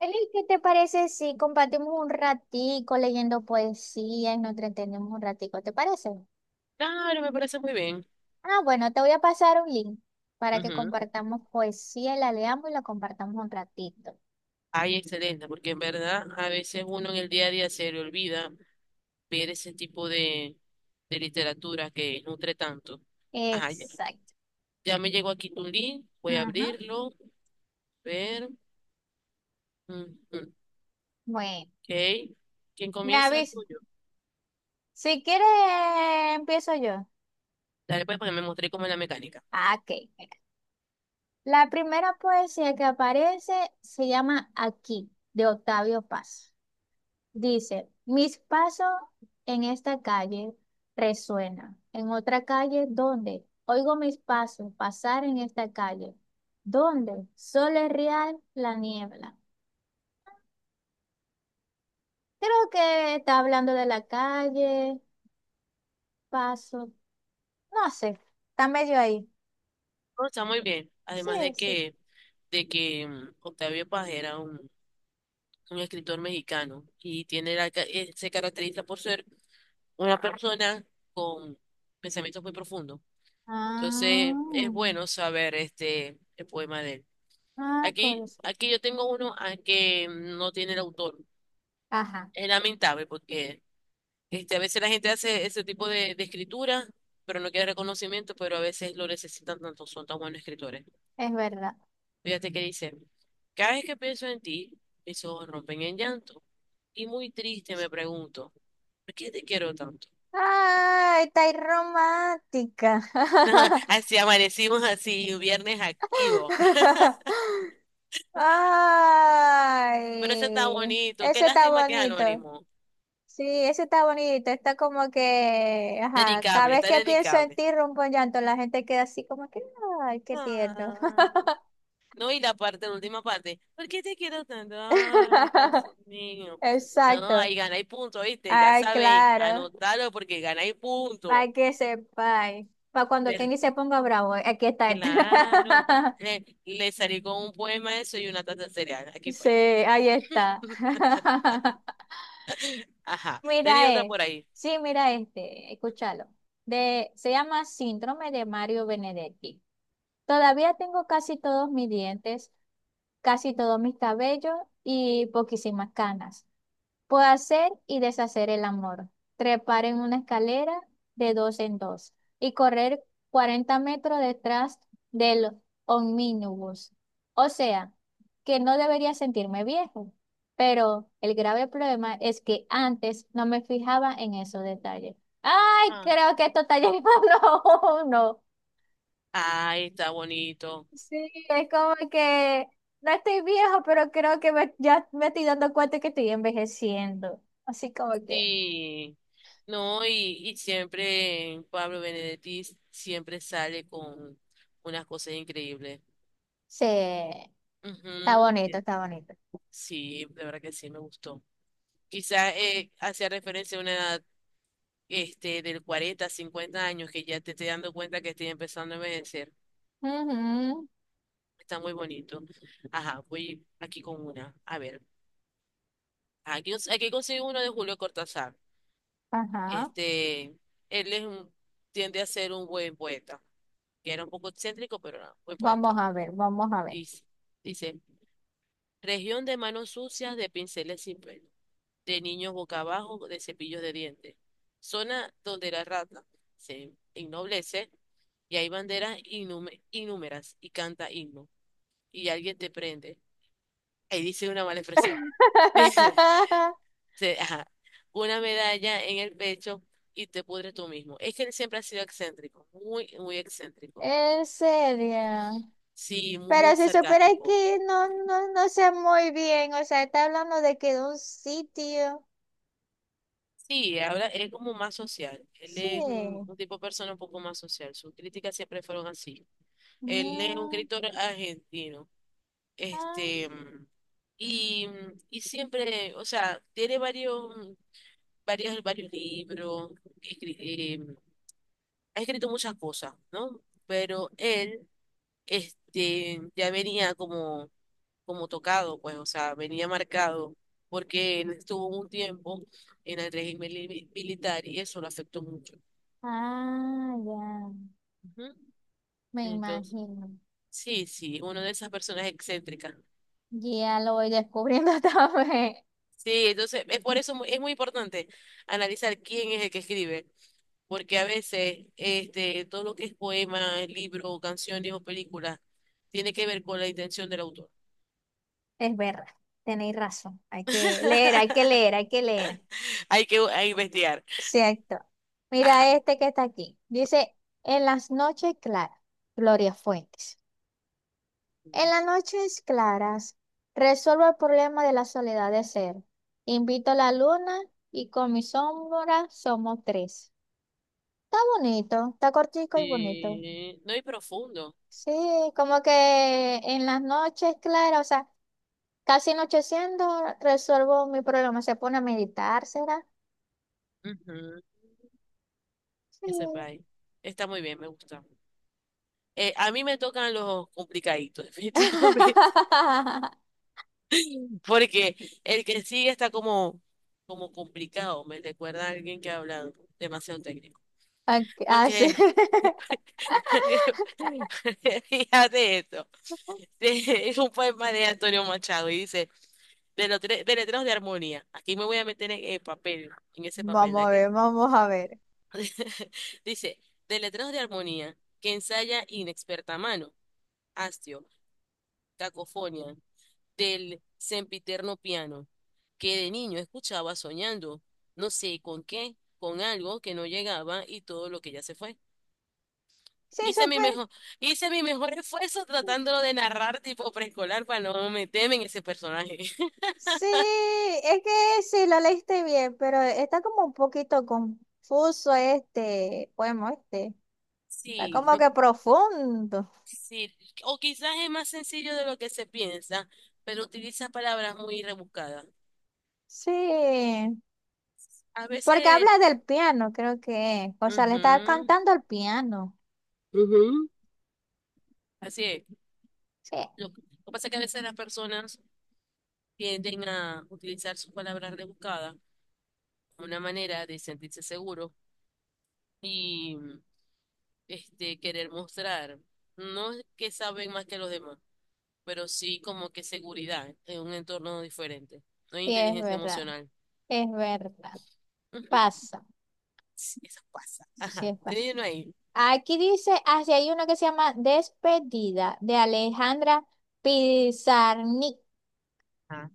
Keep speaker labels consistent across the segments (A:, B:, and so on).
A: Eli, ¿qué te parece si compartimos un ratico leyendo poesía y nos entretenemos un ratico? ¿Te parece?
B: Claro, me parece muy bien.
A: Ah, bueno, te voy a pasar un link para que
B: Ujú.
A: compartamos poesía, y la leamos y la compartamos un ratito.
B: Ay, excelente, porque en verdad a veces uno en el día a día se le olvida ver ese tipo de literatura que nutre tanto. Ay, ya
A: Exacto.
B: ya me llegó aquí tu link, voy a
A: Ujú.
B: abrirlo, ver. Ujú.
A: Bueno,
B: Ok. ¿Quién
A: me
B: comienza? El
A: aviso.
B: tuyo.
A: Si quieres, empiezo yo.
B: Dale, pues, porque me mostré cómo es la mecánica.
A: Ah, ok, mira. La primera poesía que aparece se llama Aquí, de Octavio Paz. Dice, mis pasos en esta calle resuenan, en otra calle, ¿dónde? Oigo mis pasos pasar en esta calle, ¿dónde? Sole real la niebla. Creo que está hablando de la calle, paso, no sé, está medio ahí.
B: No, está muy bien.
A: Sí,
B: Además de
A: sí.
B: que, de que mm, Octavio Paz era un escritor mexicano y tiene la, se caracteriza por ser una persona con pensamientos muy profundos. Entonces, es
A: Ah,
B: bueno saber este el poema de él.
A: ah,
B: Aquí,
A: cosa.
B: aquí yo tengo uno que no tiene el autor.
A: Ajá,
B: Es lamentable porque a veces la gente hace ese tipo de escritura, pero no quiere reconocimiento, pero a veces lo necesitan tanto, son tan buenos escritores.
A: es verdad.
B: Fíjate que dice, cada vez que pienso en ti, mis ojos rompen en llanto y muy triste me pregunto, ¿por qué te quiero tanto?
A: Ay, está ahí romántica.
B: Así amanecimos así, un viernes activo. Pero eso está
A: Ay,
B: bonito. Qué
A: eso está
B: lástima que es
A: bonito.
B: anónimo.
A: Sí, eso está bonito. Está como que, ajá, cada
B: Dedicable,
A: vez
B: está
A: que pienso en
B: dedicable.
A: ti, rompo en llanto. La gente queda así como que, ay, qué tierno.
B: Ay. No, y la parte, la última parte. ¿Por qué te quiero tanto? Ay, Dios mío. No,
A: Exacto.
B: ahí ganáis punto, ¿viste? Ya
A: Ay,
B: sabéis,
A: claro.
B: anotalo porque ganáis punto.
A: Para que sepáis. Para cuando
B: Per-
A: Kenny se ponga bravo, aquí está este.
B: claro. Le salí con un poema eso y una taza de cereal. Aquí
A: Sí,
B: fue.
A: ahí está.
B: Ajá. Tenía
A: Mira,
B: otra por ahí.
A: sí, mira este, escúchalo. De, se llama Síndrome de Mario Benedetti. Todavía tengo casi todos mis dientes, casi todos mis cabellos y poquísimas canas. Puedo hacer y deshacer el amor, trepar en una escalera de dos en dos y correr 40 metros detrás del omnibus. O sea, que no debería sentirme viejo, pero el grave problema es que antes no me fijaba en esos detalles. Ay,
B: Ah.
A: creo que esto está llegando a uno.
B: Ay, está bonito.
A: Sí, es como que no estoy viejo, pero creo que ya me estoy dando cuenta que estoy envejeciendo. Así como que...
B: Sí, no, y siempre Pablo Benedetti siempre sale con unas cosas increíbles.
A: Sí, está
B: Ujú.
A: bonito, está bonito.
B: Sí, de verdad que sí, me gustó. Quizás hacía referencia a una edad del 40, 50 años que ya te estoy dando cuenta que estoy empezando a envejecer.
A: Ujú,
B: Está muy bonito. Ajá, voy aquí con una. A ver, aquí consigo uno de Julio Cortázar.
A: ajá.
B: Este, él es un- tiende a ser un buen poeta. Que era un poco excéntrico, pero era muy
A: Vamos
B: poeta.
A: a ver, vamos a ver.
B: Dice, dice, región de manos sucias, de pinceles sin pelo, de niños boca abajo, de cepillos de dientes, zona donde la rata se ennoblece y hay banderas innúmeras y canta himno y alguien te prende. Ahí dice una mala expresión. Dice, se- ajá, una medalla en el pecho y te pudres tú mismo. Es que él siempre ha sido excéntrico, muy excéntrico.
A: En serio.
B: Sí, muy
A: Pero si supera
B: sarcástico.
A: que no, no, no sé muy bien. O sea, está hablando de que de un sitio.
B: Sí, ahora es como más social. Él
A: Sí.
B: es un tipo de persona un poco más social. Sus críticas siempre fueron así. Él es un
A: Mm,
B: escritor argentino.
A: ah,
B: Este, mm, y, y siempre, o sea, tiene varios libros. escri- eh, Ha escrito muchas cosas, ¿no? Pero él ya venía como, como tocado, pues, o sea, venía marcado, porque él estuvo un tiempo en el régimen militar y eso lo afectó mucho.
A: ah, ya.
B: Ujú.
A: Me
B: Entonces,
A: imagino.
B: sí, una de esas personas excéntricas.
A: Ya lo voy descubriendo también.
B: Sí, entonces, es por eso es muy importante analizar quién es el que escribe, porque a veces todo lo que es poema, libro, canciones o películas tiene que ver con la intención del autor.
A: Es verdad. Tenéis razón. Hay que leer, hay que leer, hay que leer.
B: Hay que investigar.
A: Cierto.
B: Ajá.
A: Mira este que está aquí. Dice, en las noches claras, Gloria Fuentes. En las noches claras, resuelvo el problema de la soledad de ser. Invito a la luna y con mi sombra somos tres. Está bonito, está cortico y bonito.
B: Sí, no y profundo.
A: Sí, como que en las noches claras, o sea, casi anocheciendo, resuelvo mi problema. Se pone a meditar, ¿será?
B: Ujú.
A: Sí.
B: Ese país. Está muy bien, me gusta. A mí me tocan los complicaditos, definitivamente. Porque el que sigue está como, como complicado. Me recuerda a alguien que ha hablado demasiado técnico.
A: Ah, ah, sí.
B: Porque, fíjate esto. Es un poema de Antonio Machado y dice, de letreros de armonía. Aquí me voy a meter en el papel, en ese papel de
A: Vamos a ver,
B: aquel.
A: vamos a ver.
B: Dice, de letreros de armonía que ensaya inexperta mano, hastio, cacofonía, del sempiterno piano, que de niño escuchaba soñando, no sé con qué, con algo que no llegaba y todo lo que ya se fue.
A: Sí,
B: Hice mi
A: súper.
B: mejor, hice mi mejor esfuerzo tratándolo de narrar tipo preescolar para no meterme en ese personaje.
A: Sí, es que sí, lo leíste bien, pero está como un poquito confuso este poema, este. Está
B: Sí,
A: como que profundo.
B: sí, o quizás es más sencillo de lo que se piensa, pero utiliza palabras muy rebuscadas.
A: Sí,
B: A
A: porque
B: veces...
A: habla del piano, creo que es. O sea, le está
B: Ujú.
A: cantando al piano.
B: Ujú. Así es.
A: Sí,
B: Lo que pasa es que a veces las personas tienden a utilizar sus palabras rebuscadas como una manera de sentirse seguros y querer mostrar, no es que saben más que los demás, pero sí como que seguridad en un entorno diferente. No hay
A: sí, es
B: inteligencia
A: verdad.
B: emocional.
A: Es verdad.
B: Ujú.
A: Pasa.
B: Sí, eso pasa.
A: Sí,
B: Ajá.
A: es
B: Tenía ahí.
A: Aquí dice, así hay una que se llama Despedida de Alejandra Pizarnik.
B: Ajá.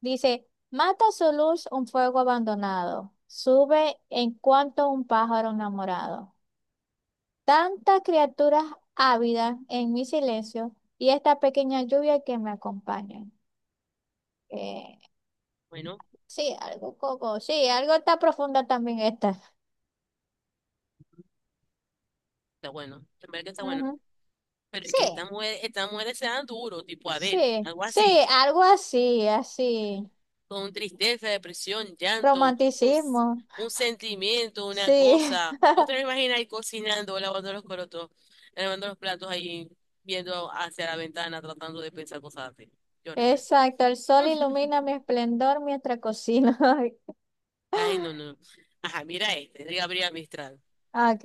A: Dice, mata su luz un fuego abandonado, sube en cuanto un pájaro enamorado. Tantas criaturas ávidas en mi silencio y esta pequeña lluvia que me acompaña. Eh,
B: Bueno,
A: sí, algo como, sí, algo está profunda también esta.
B: está bueno. En verdad que está bueno.
A: Ujú.
B: Pero es que
A: Sí,
B: estas mujeres se dan duro, tipo Adele,
A: sí,
B: algo
A: sí,
B: así.
A: algo así, así.
B: Con tristeza, depresión, llanto,
A: Romanticismo,
B: un sentimiento, una
A: sí.
B: cosa. ¿Vos te lo imaginas ahí cocinando, lavando los corotos, lavando los platos ahí, viendo hacia la ventana, tratando de pensar cosas así? Qué horrible.
A: Exacto, el sol ilumina mi esplendor mientras cocino.
B: Ay, no, no. Ajá, mira este, de Gabriela Mistral.
A: Ok,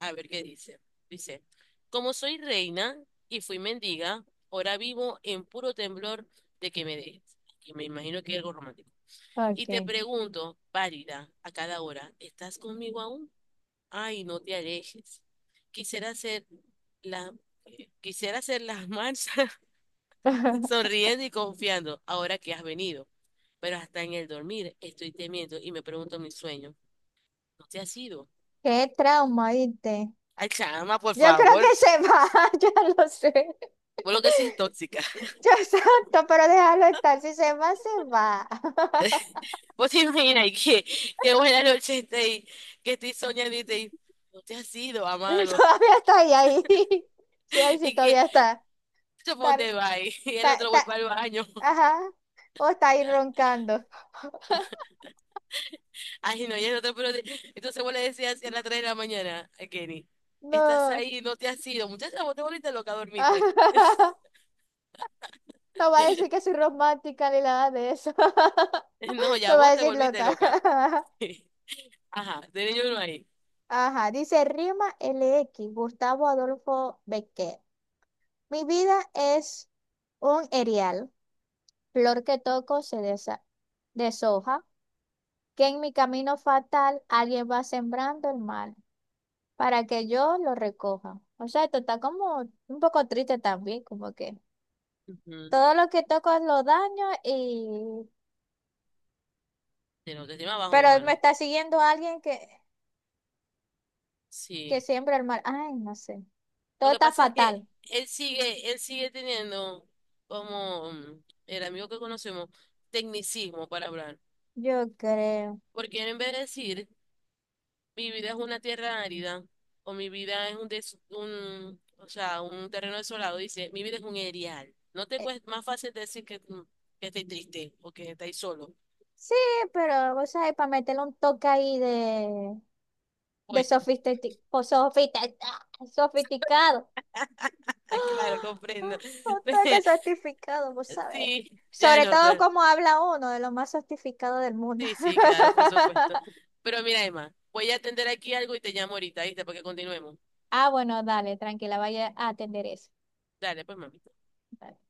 B: A ver qué dice. Dice, como soy reina y fui mendiga, ahora vivo en puro temblor de que me dejes. Que me imagino que es algo romántico. Y te
A: ok.
B: pregunto, pálida, a cada hora, ¿estás conmigo aún? Ay, no te alejes. Quisiera hacer la, quisiera hacer las marchas sonriendo y confiando ahora que has venido. Pero hasta en el dormir estoy temiendo y me pregunto mi sueño. ¿No te has ido?
A: Qué trauma, ¿viste?
B: Ay, chama, por
A: Yo creo
B: favor.
A: que se va, ya lo sé.
B: Por lo que sí es tóxica.
A: Yo santo, pero déjalo estar. Si se va, se va.
B: Vos te imaginas y que buena noche estoy, que estoy soñando y te no te has ido, amado.
A: Todavía está ahí, ahí. Sí, ahí sí,
B: Y que,
A: todavía está.
B: yo
A: Está,
B: ponte bye. Y el
A: está,
B: otro voy
A: está-
B: para el baño.
A: Ajá. O está ahí roncando.
B: Ay, no, ya no te puedo. Entonces vos le decías así a las 3 de la mañana a Kenny, estás
A: No.
B: ahí, no te has ido. Muchacha, vos te volviste loca, dormiste.
A: No va a decir que soy romántica ni nada de eso.
B: No, ya
A: Me va a
B: vos te
A: decir
B: volviste
A: loca.
B: loca. Ajá, de niño uno ahí.
A: Ajá, dice Rima l x Gustavo Adolfo Becker. Mi vida es un erial, flor que toco deshoja, que en mi camino fatal alguien va sembrando el mal para que yo lo recoja. O sea, esto está como un poco triste también, como que
B: Ujú.
A: todo lo que toco lo daño y...
B: De no, te encima abajo, mi
A: Pero me
B: hermano.
A: está siguiendo alguien que
B: Sí.
A: siembra el mal. Ay, no sé.
B: Lo
A: Todo
B: que
A: está
B: pasa es que
A: fatal,
B: él sigue teniendo como el amigo que conocemos, tecnicismo para hablar.
A: yo creo.
B: Porque él en vez de decir mi vida es una tierra árida, o mi vida es un, des- un, o sea, un terreno desolado, dice, mi vida es un erial. No te
A: Eh,
B: cuesta más fácil decir que, que estáis triste o que estáis solo.
A: Sí, pero, o sea, para meterle un toque ahí de
B: Pues,
A: sofisticado. Sofisticado.
B: ah, claro,
A: ¡Ah!
B: comprendo.
A: Un toque sofisticado, vos sabés.
B: Sí, ya
A: Sobre
B: no.
A: todo
B: te-
A: como habla uno de los más sofisticados del mundo.
B: sí, sí, claro, por supuesto. Pero mira, Emma, voy a atender aquí algo y te llamo ahorita, ¿viste? Porque continuemos.
A: Ah, bueno, dale, tranquila, vaya a atender eso.
B: Dale, pues, mami.
A: Dale.